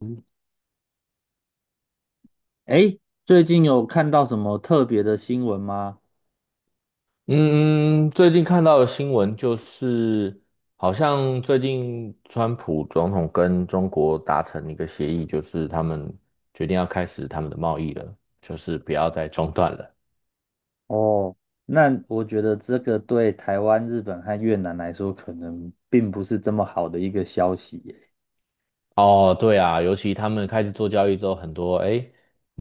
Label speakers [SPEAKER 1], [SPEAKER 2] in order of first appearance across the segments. [SPEAKER 1] 嗯哎，最近有看到什么特别的新闻吗？
[SPEAKER 2] 嗯，最近看到的新闻就是，好像最近川普总统跟中国达成一个协议，就是他们决定要开始他们的贸易了，就是不要再中断了。
[SPEAKER 1] 哦，那我觉得这个对台湾、日本和越南来说，可能并不是这么好的一个消息耶。
[SPEAKER 2] 哦，对啊，尤其他们开始做交易之后，很多诶，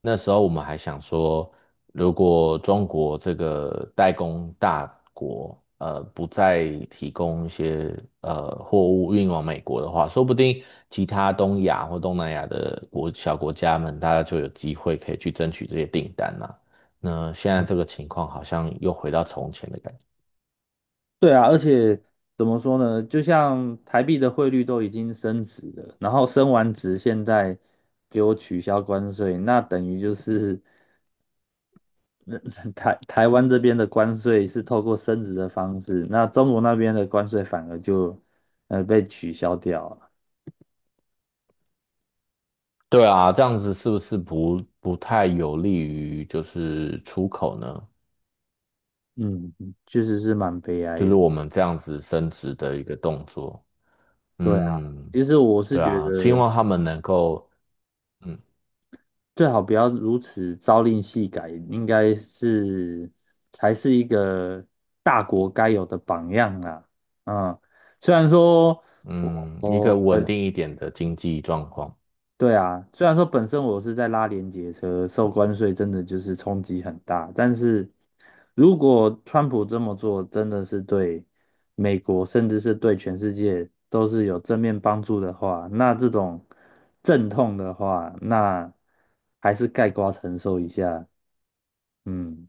[SPEAKER 2] 那时候我们还想说，如果中国这个代工大国，不再提供一些货物运往美国的话，说不定其他东亚或东南亚的国小国家们，大家就有机会可以去争取这些订单啦。那现在这个情况好像又回到从前的感觉。
[SPEAKER 1] 对啊，而且怎么说呢？就像台币的汇率都已经升值了，然后升完值，现在给我取消关税，那等于就是那 台台湾这边的关税是透过升值的方式，那中国那边的关税反而就被取消掉了。
[SPEAKER 2] 对啊，这样子是不是不太有利于就是出口呢？
[SPEAKER 1] 嗯，确实是蛮悲
[SPEAKER 2] 就
[SPEAKER 1] 哀
[SPEAKER 2] 是
[SPEAKER 1] 的。
[SPEAKER 2] 我们这样子升值的一个动作。
[SPEAKER 1] 对啊，
[SPEAKER 2] 嗯，
[SPEAKER 1] 其实我是
[SPEAKER 2] 对
[SPEAKER 1] 觉
[SPEAKER 2] 啊，希
[SPEAKER 1] 得
[SPEAKER 2] 望他们能够，嗯
[SPEAKER 1] 最好不要如此朝令夕改，应该是才是一个大国该有的榜样啊。嗯，虽然说我
[SPEAKER 2] 嗯，一
[SPEAKER 1] 我
[SPEAKER 2] 个稳
[SPEAKER 1] 本
[SPEAKER 2] 定一点的经济状况。
[SPEAKER 1] 对啊，虽然说本身我是在拉连结车，受关税真的就是冲击很大，但是如果川普这么做，真的是对美国，甚至是对全世界都是有正面帮助的话，那这种阵痛的话，那还是盖瓜承受一下。嗯，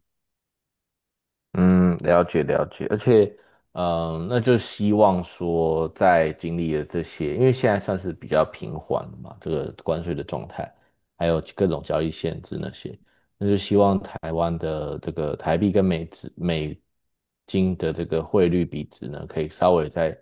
[SPEAKER 2] 嗯，了解了解，而且，那就希望说，在经历了这些，因为现在算是比较平缓的嘛，这个关税的状态，还有各种交易限制那些，那就希望台湾的这个台币跟美值，美金的这个汇率比值呢，可以稍微再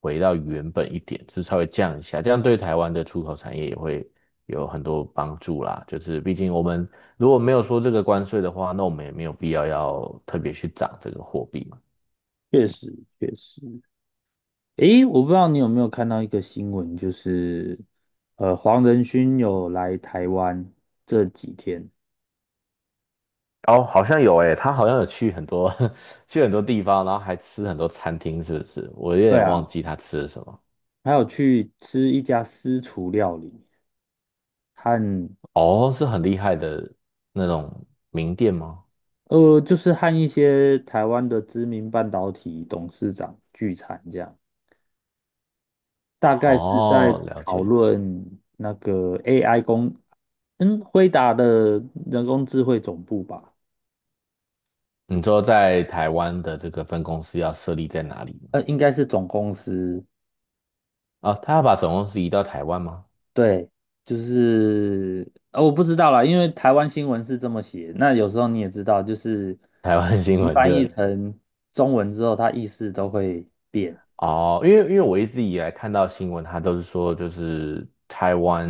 [SPEAKER 2] 回到原本一点，是稍微降一下，这样对台湾的出口产业也会有很多帮助啦。就是毕竟我们如果没有说这个关税的话，那我们也没有必要要特别去涨这个货币嘛。
[SPEAKER 1] 确实确实。诶，我不知道你有没有看到一个新闻，就是黄仁勋有来台湾这几天。
[SPEAKER 2] 哦，好像有诶，他好像有去很多 去很多地方，然后还吃很多餐厅，是不是？我有
[SPEAKER 1] 对
[SPEAKER 2] 点忘
[SPEAKER 1] 啊，
[SPEAKER 2] 记他吃了什么。
[SPEAKER 1] 还有去吃一家私厨料理，和
[SPEAKER 2] 哦，是很厉害的那种名店吗？
[SPEAKER 1] 就是和一些台湾的知名半导体董事长聚餐，这样大概是在
[SPEAKER 2] 哦，了
[SPEAKER 1] 讨
[SPEAKER 2] 解。
[SPEAKER 1] 论那个 AI 工，嗯，辉达的人工智慧总部吧，
[SPEAKER 2] 你说在台湾的这个分公司要设立在哪里吗
[SPEAKER 1] 应该是总公司，
[SPEAKER 2] 啊？哦，他要把总公司移到台湾吗？
[SPEAKER 1] 对，我不知道啦，因为台湾新闻是这么写，那有时候你也知道，就是
[SPEAKER 2] 台湾新闻
[SPEAKER 1] 翻译
[SPEAKER 2] 的。
[SPEAKER 1] 成中文之后，它意思都会变。
[SPEAKER 2] 哦，因为我一直以来看到新闻，他都是说就是台湾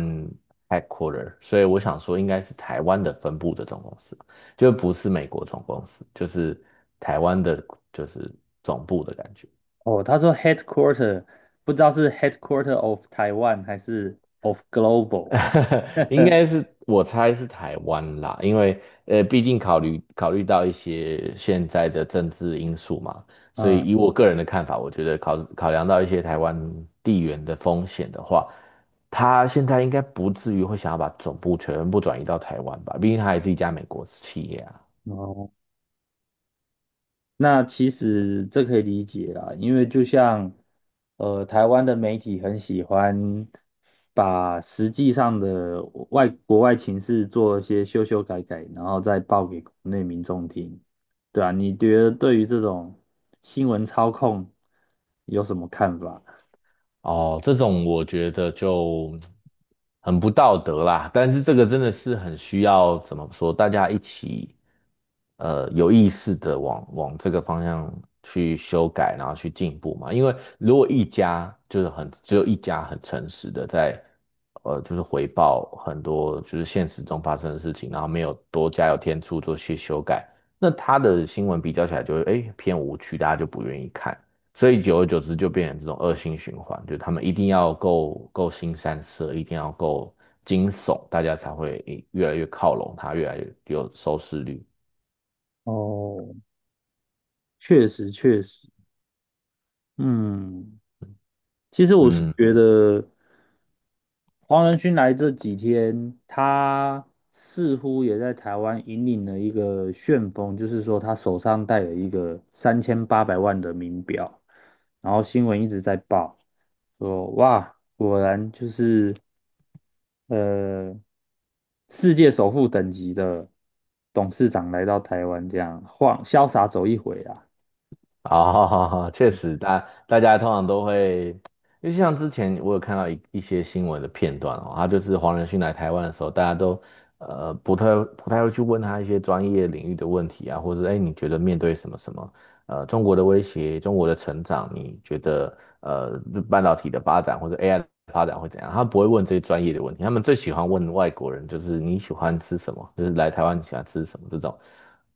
[SPEAKER 2] headquarter，所以我想说应该是台湾的分部的总公司，就不是美国总公司，就是台湾的，就是总部的感觉。
[SPEAKER 1] 哦，他说 headquarter,不知道是 headquarter of Taiwan 还是 of global。
[SPEAKER 2] 应 该是我猜是台湾啦，因为毕竟考虑考虑到一些现在的政治因素嘛，所以
[SPEAKER 1] 嗯，
[SPEAKER 2] 以我个人的看法，我觉得考量到一些台湾地缘的风险的话，他现在应该不至于会想要把总部全部转移到台湾吧，毕竟他还是一家美国企业啊。
[SPEAKER 1] 哦，那其实这可以理解啦，因为就像台湾的媒体很喜欢把实际上的外国外情势做一些修修改改，然后再报给国内民众听，对啊，你觉得对于这种新闻操控有什么看法？
[SPEAKER 2] 哦，这种我觉得就很不道德啦，但是这个真的是很需要怎么说，大家一起有意识的往这个方向去修改，然后去进步嘛。因为如果一家就是很只有一家很诚实的在就是回报很多就是现实中发生的事情，然后没有多加油添醋做些修改，那他的新闻比较起来就会偏无趣，大家就不愿意看。所以久而久之就变成这种恶性循环，就他们一定要够新三色，一定要够惊悚，大家才会越来越靠拢他，越来越有收视率。
[SPEAKER 1] 哦，确实确实，嗯，其实我是
[SPEAKER 2] 嗯，
[SPEAKER 1] 觉得黄仁勋来这几天，他似乎也在台湾引领了一个旋风，就是说他手上戴了一个3800万的名表，然后新闻一直在报，说哇，果然就是呃世界首富等级的董事长来到台湾，这样晃潇洒走一回啊。
[SPEAKER 2] 啊，哈，确实，大家通常都会，因为像之前我有看到一些新闻的片段哦，他就是黄仁勋来台湾的时候，大家都呃不太不太会去问他一些专业领域的问题啊，或者哎你觉得面对什么什么，中国的威胁、中国的成长，你觉得半导体的发展或者 AI 的发展会怎样？他不会问这些专业的问题，他们最喜欢问外国人，就是你喜欢吃什么，就是来台湾你喜欢吃什么这种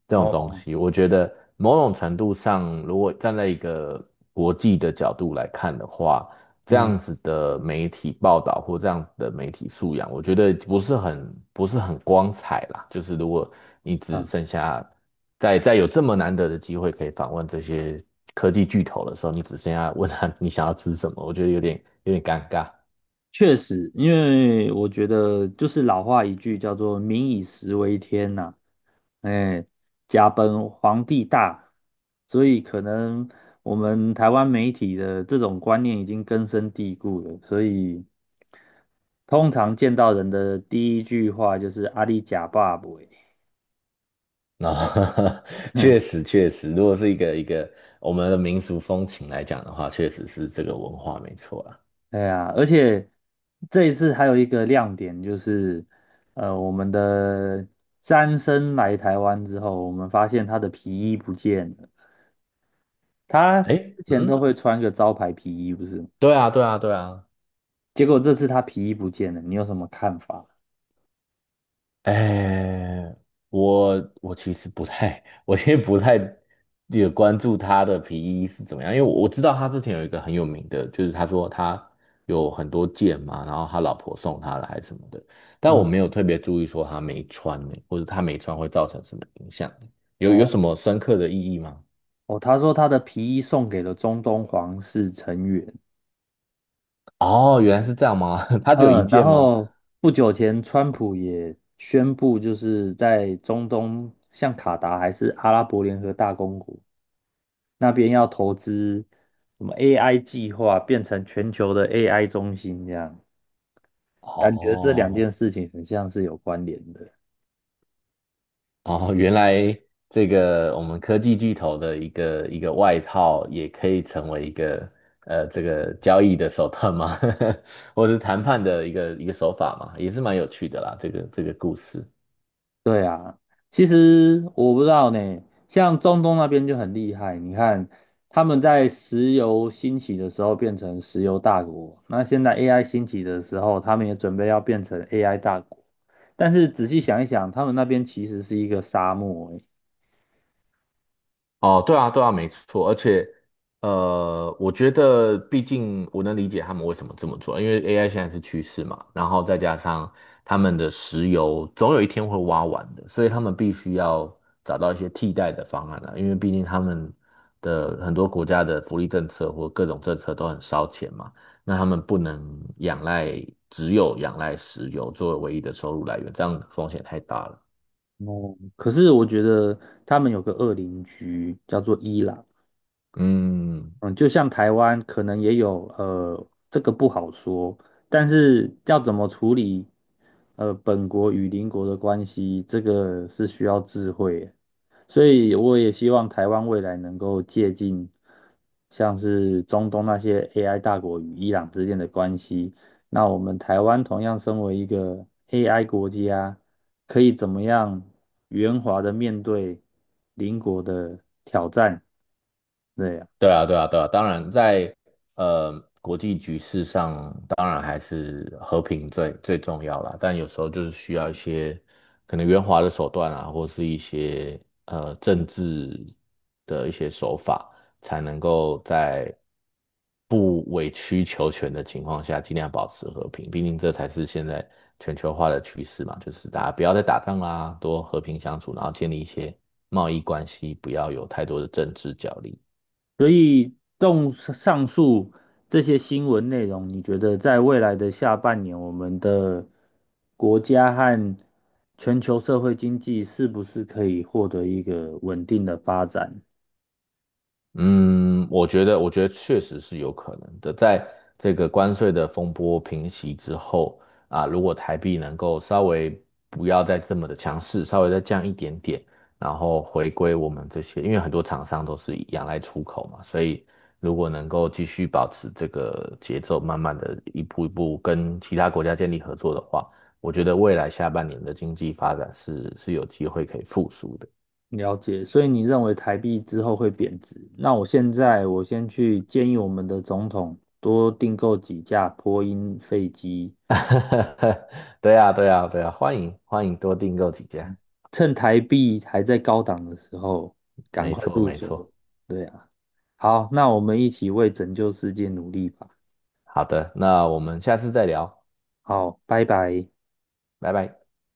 [SPEAKER 2] 这种东
[SPEAKER 1] 哦，
[SPEAKER 2] 西。我觉得某种程度上，如果站在一个国际的角度来看的话，这
[SPEAKER 1] 嗯。
[SPEAKER 2] 样子的媒体报道或这样的媒体素养，我觉得不是很光彩啦。就是如果你只
[SPEAKER 1] 嗯
[SPEAKER 2] 剩下在有这么难得的机会可以访问这些科技巨头的时候，你只剩下问他你想要吃什么，我觉得有点尴尬。
[SPEAKER 1] 确实，因为我觉得就是老话一句叫做"民以食为天"呐，哎，家本皇帝大，所以可能我们台湾媒体的这种观念已经根深蒂固了，所以通常见到人的第一句话就是"阿里假爸爸"，
[SPEAKER 2] 然
[SPEAKER 1] 哼，
[SPEAKER 2] 确实确实，如果是一个我们的民俗风情来讲的话，确实是这个文化没错啊。
[SPEAKER 1] 对呀，而且这一次还有一个亮点就是，我们的詹森来台湾之后，我们发现他的皮衣不见了。他
[SPEAKER 2] 哎，
[SPEAKER 1] 之前都
[SPEAKER 2] 嗯，
[SPEAKER 1] 会穿个招牌皮衣，不是吗？
[SPEAKER 2] 对啊，对啊，对啊。
[SPEAKER 1] 结果这次他皮衣不见了，你有什么看法？
[SPEAKER 2] 哎，我其实不太，我其实不太有关注他的皮衣是怎么样，因为我知道他之前有一个很有名的，就是他说他有很多件嘛，然后他老婆送他的还是什么的，但我
[SPEAKER 1] 嗯，
[SPEAKER 2] 没有特别注意说他没穿呢，或者他没穿会造成什么影响，有
[SPEAKER 1] 哦
[SPEAKER 2] 什么深刻的意义吗？
[SPEAKER 1] 哦，他说他的皮衣送给了中东皇室成员。
[SPEAKER 2] 哦，原来是这样吗？他只有一
[SPEAKER 1] 嗯，然
[SPEAKER 2] 件吗？
[SPEAKER 1] 后不久前，川普也宣布，就是在中东，像卡达还是阿拉伯联合大公国那边要投资什么 AI 计划，变成全球的 AI 中心，这样感觉这两
[SPEAKER 2] 哦。
[SPEAKER 1] 件事情很像是有关联的。
[SPEAKER 2] 哦，原来这个我们科技巨头的一个外套，也可以成为这个交易的手段吗？或者是谈判的一个手法嘛，也是蛮有趣的啦。这个故事，
[SPEAKER 1] 对啊，其实我不知道呢，像中东那边就很厉害。你看，他们在石油兴起的时候变成石油大国，那现在 AI 兴起的时候，他们也准备要变成 AI 大国。但是仔细想一想，他们那边其实是一个沙漠欸，
[SPEAKER 2] 哦，对啊，对啊，没错，而且，我觉得，毕竟我能理解他们为什么这么做，因为 AI 现在是趋势嘛，然后再加上他们的石油总有一天会挖完的，所以他们必须要找到一些替代的方案啊，因为毕竟他们的很多国家的福利政策或各种政策都很烧钱嘛，那他们不能仰赖，只有仰赖石油作为唯一的收入来源，这样风险太大了。
[SPEAKER 1] 哦，可是我觉得他们有个恶邻居叫做伊朗。
[SPEAKER 2] 嗯，
[SPEAKER 1] 嗯，就像台湾可能也有，这个不好说，但是要怎么处理，本国与邻国的关系，这个是需要智慧的。所以我也希望台湾未来能够借鉴，像是中东那些 AI 大国与伊朗之间的关系，那我们台湾同样身为一个 AI 国家，可以怎么样圆滑的面对邻国的挑战？对啊。
[SPEAKER 2] 对啊，对啊，对啊，当然在呃国际局势上，当然还是和平最最重要啦。但有时候就是需要一些可能圆滑的手段啊，或是一些政治的一些手法，才能够在不委曲求全的情况下，尽量保持和平。毕竟这才是现在全球化的趋势嘛，就是大家不要再打仗啦，多和平相处，然后建立一些贸易关系，不要有太多的政治角力。
[SPEAKER 1] 所以动上述这些新闻内容，你觉得在未来的下半年，我们的国家和全球社会经济是不是可以获得一个稳定的发展？
[SPEAKER 2] 嗯，我觉得,确实是有可能的。在这个关税的风波平息之后啊，如果台币能够稍微不要再这么的强势，稍微再降一点点，然后回归我们这些，因为很多厂商都是仰赖出口嘛，所以如果能够继续保持这个节奏，慢慢的一步一步跟其他国家建立合作的话，我觉得未来下半年的经济发展是有机会可以复苏的。
[SPEAKER 1] 了解，所以你认为台币之后会贬值？那我现在我先去建议我们的总统多订购几架波音飞机，
[SPEAKER 2] 对呀，对呀，对呀，欢迎欢迎多订购几家，
[SPEAKER 1] 趁台币还在高档的时候，赶
[SPEAKER 2] 没
[SPEAKER 1] 快
[SPEAKER 2] 错
[SPEAKER 1] 入
[SPEAKER 2] 没错。
[SPEAKER 1] 手。对啊，好，那我们一起为拯救世界努力吧。
[SPEAKER 2] 好的，那我们下次再聊，
[SPEAKER 1] 好，拜拜。
[SPEAKER 2] 拜拜。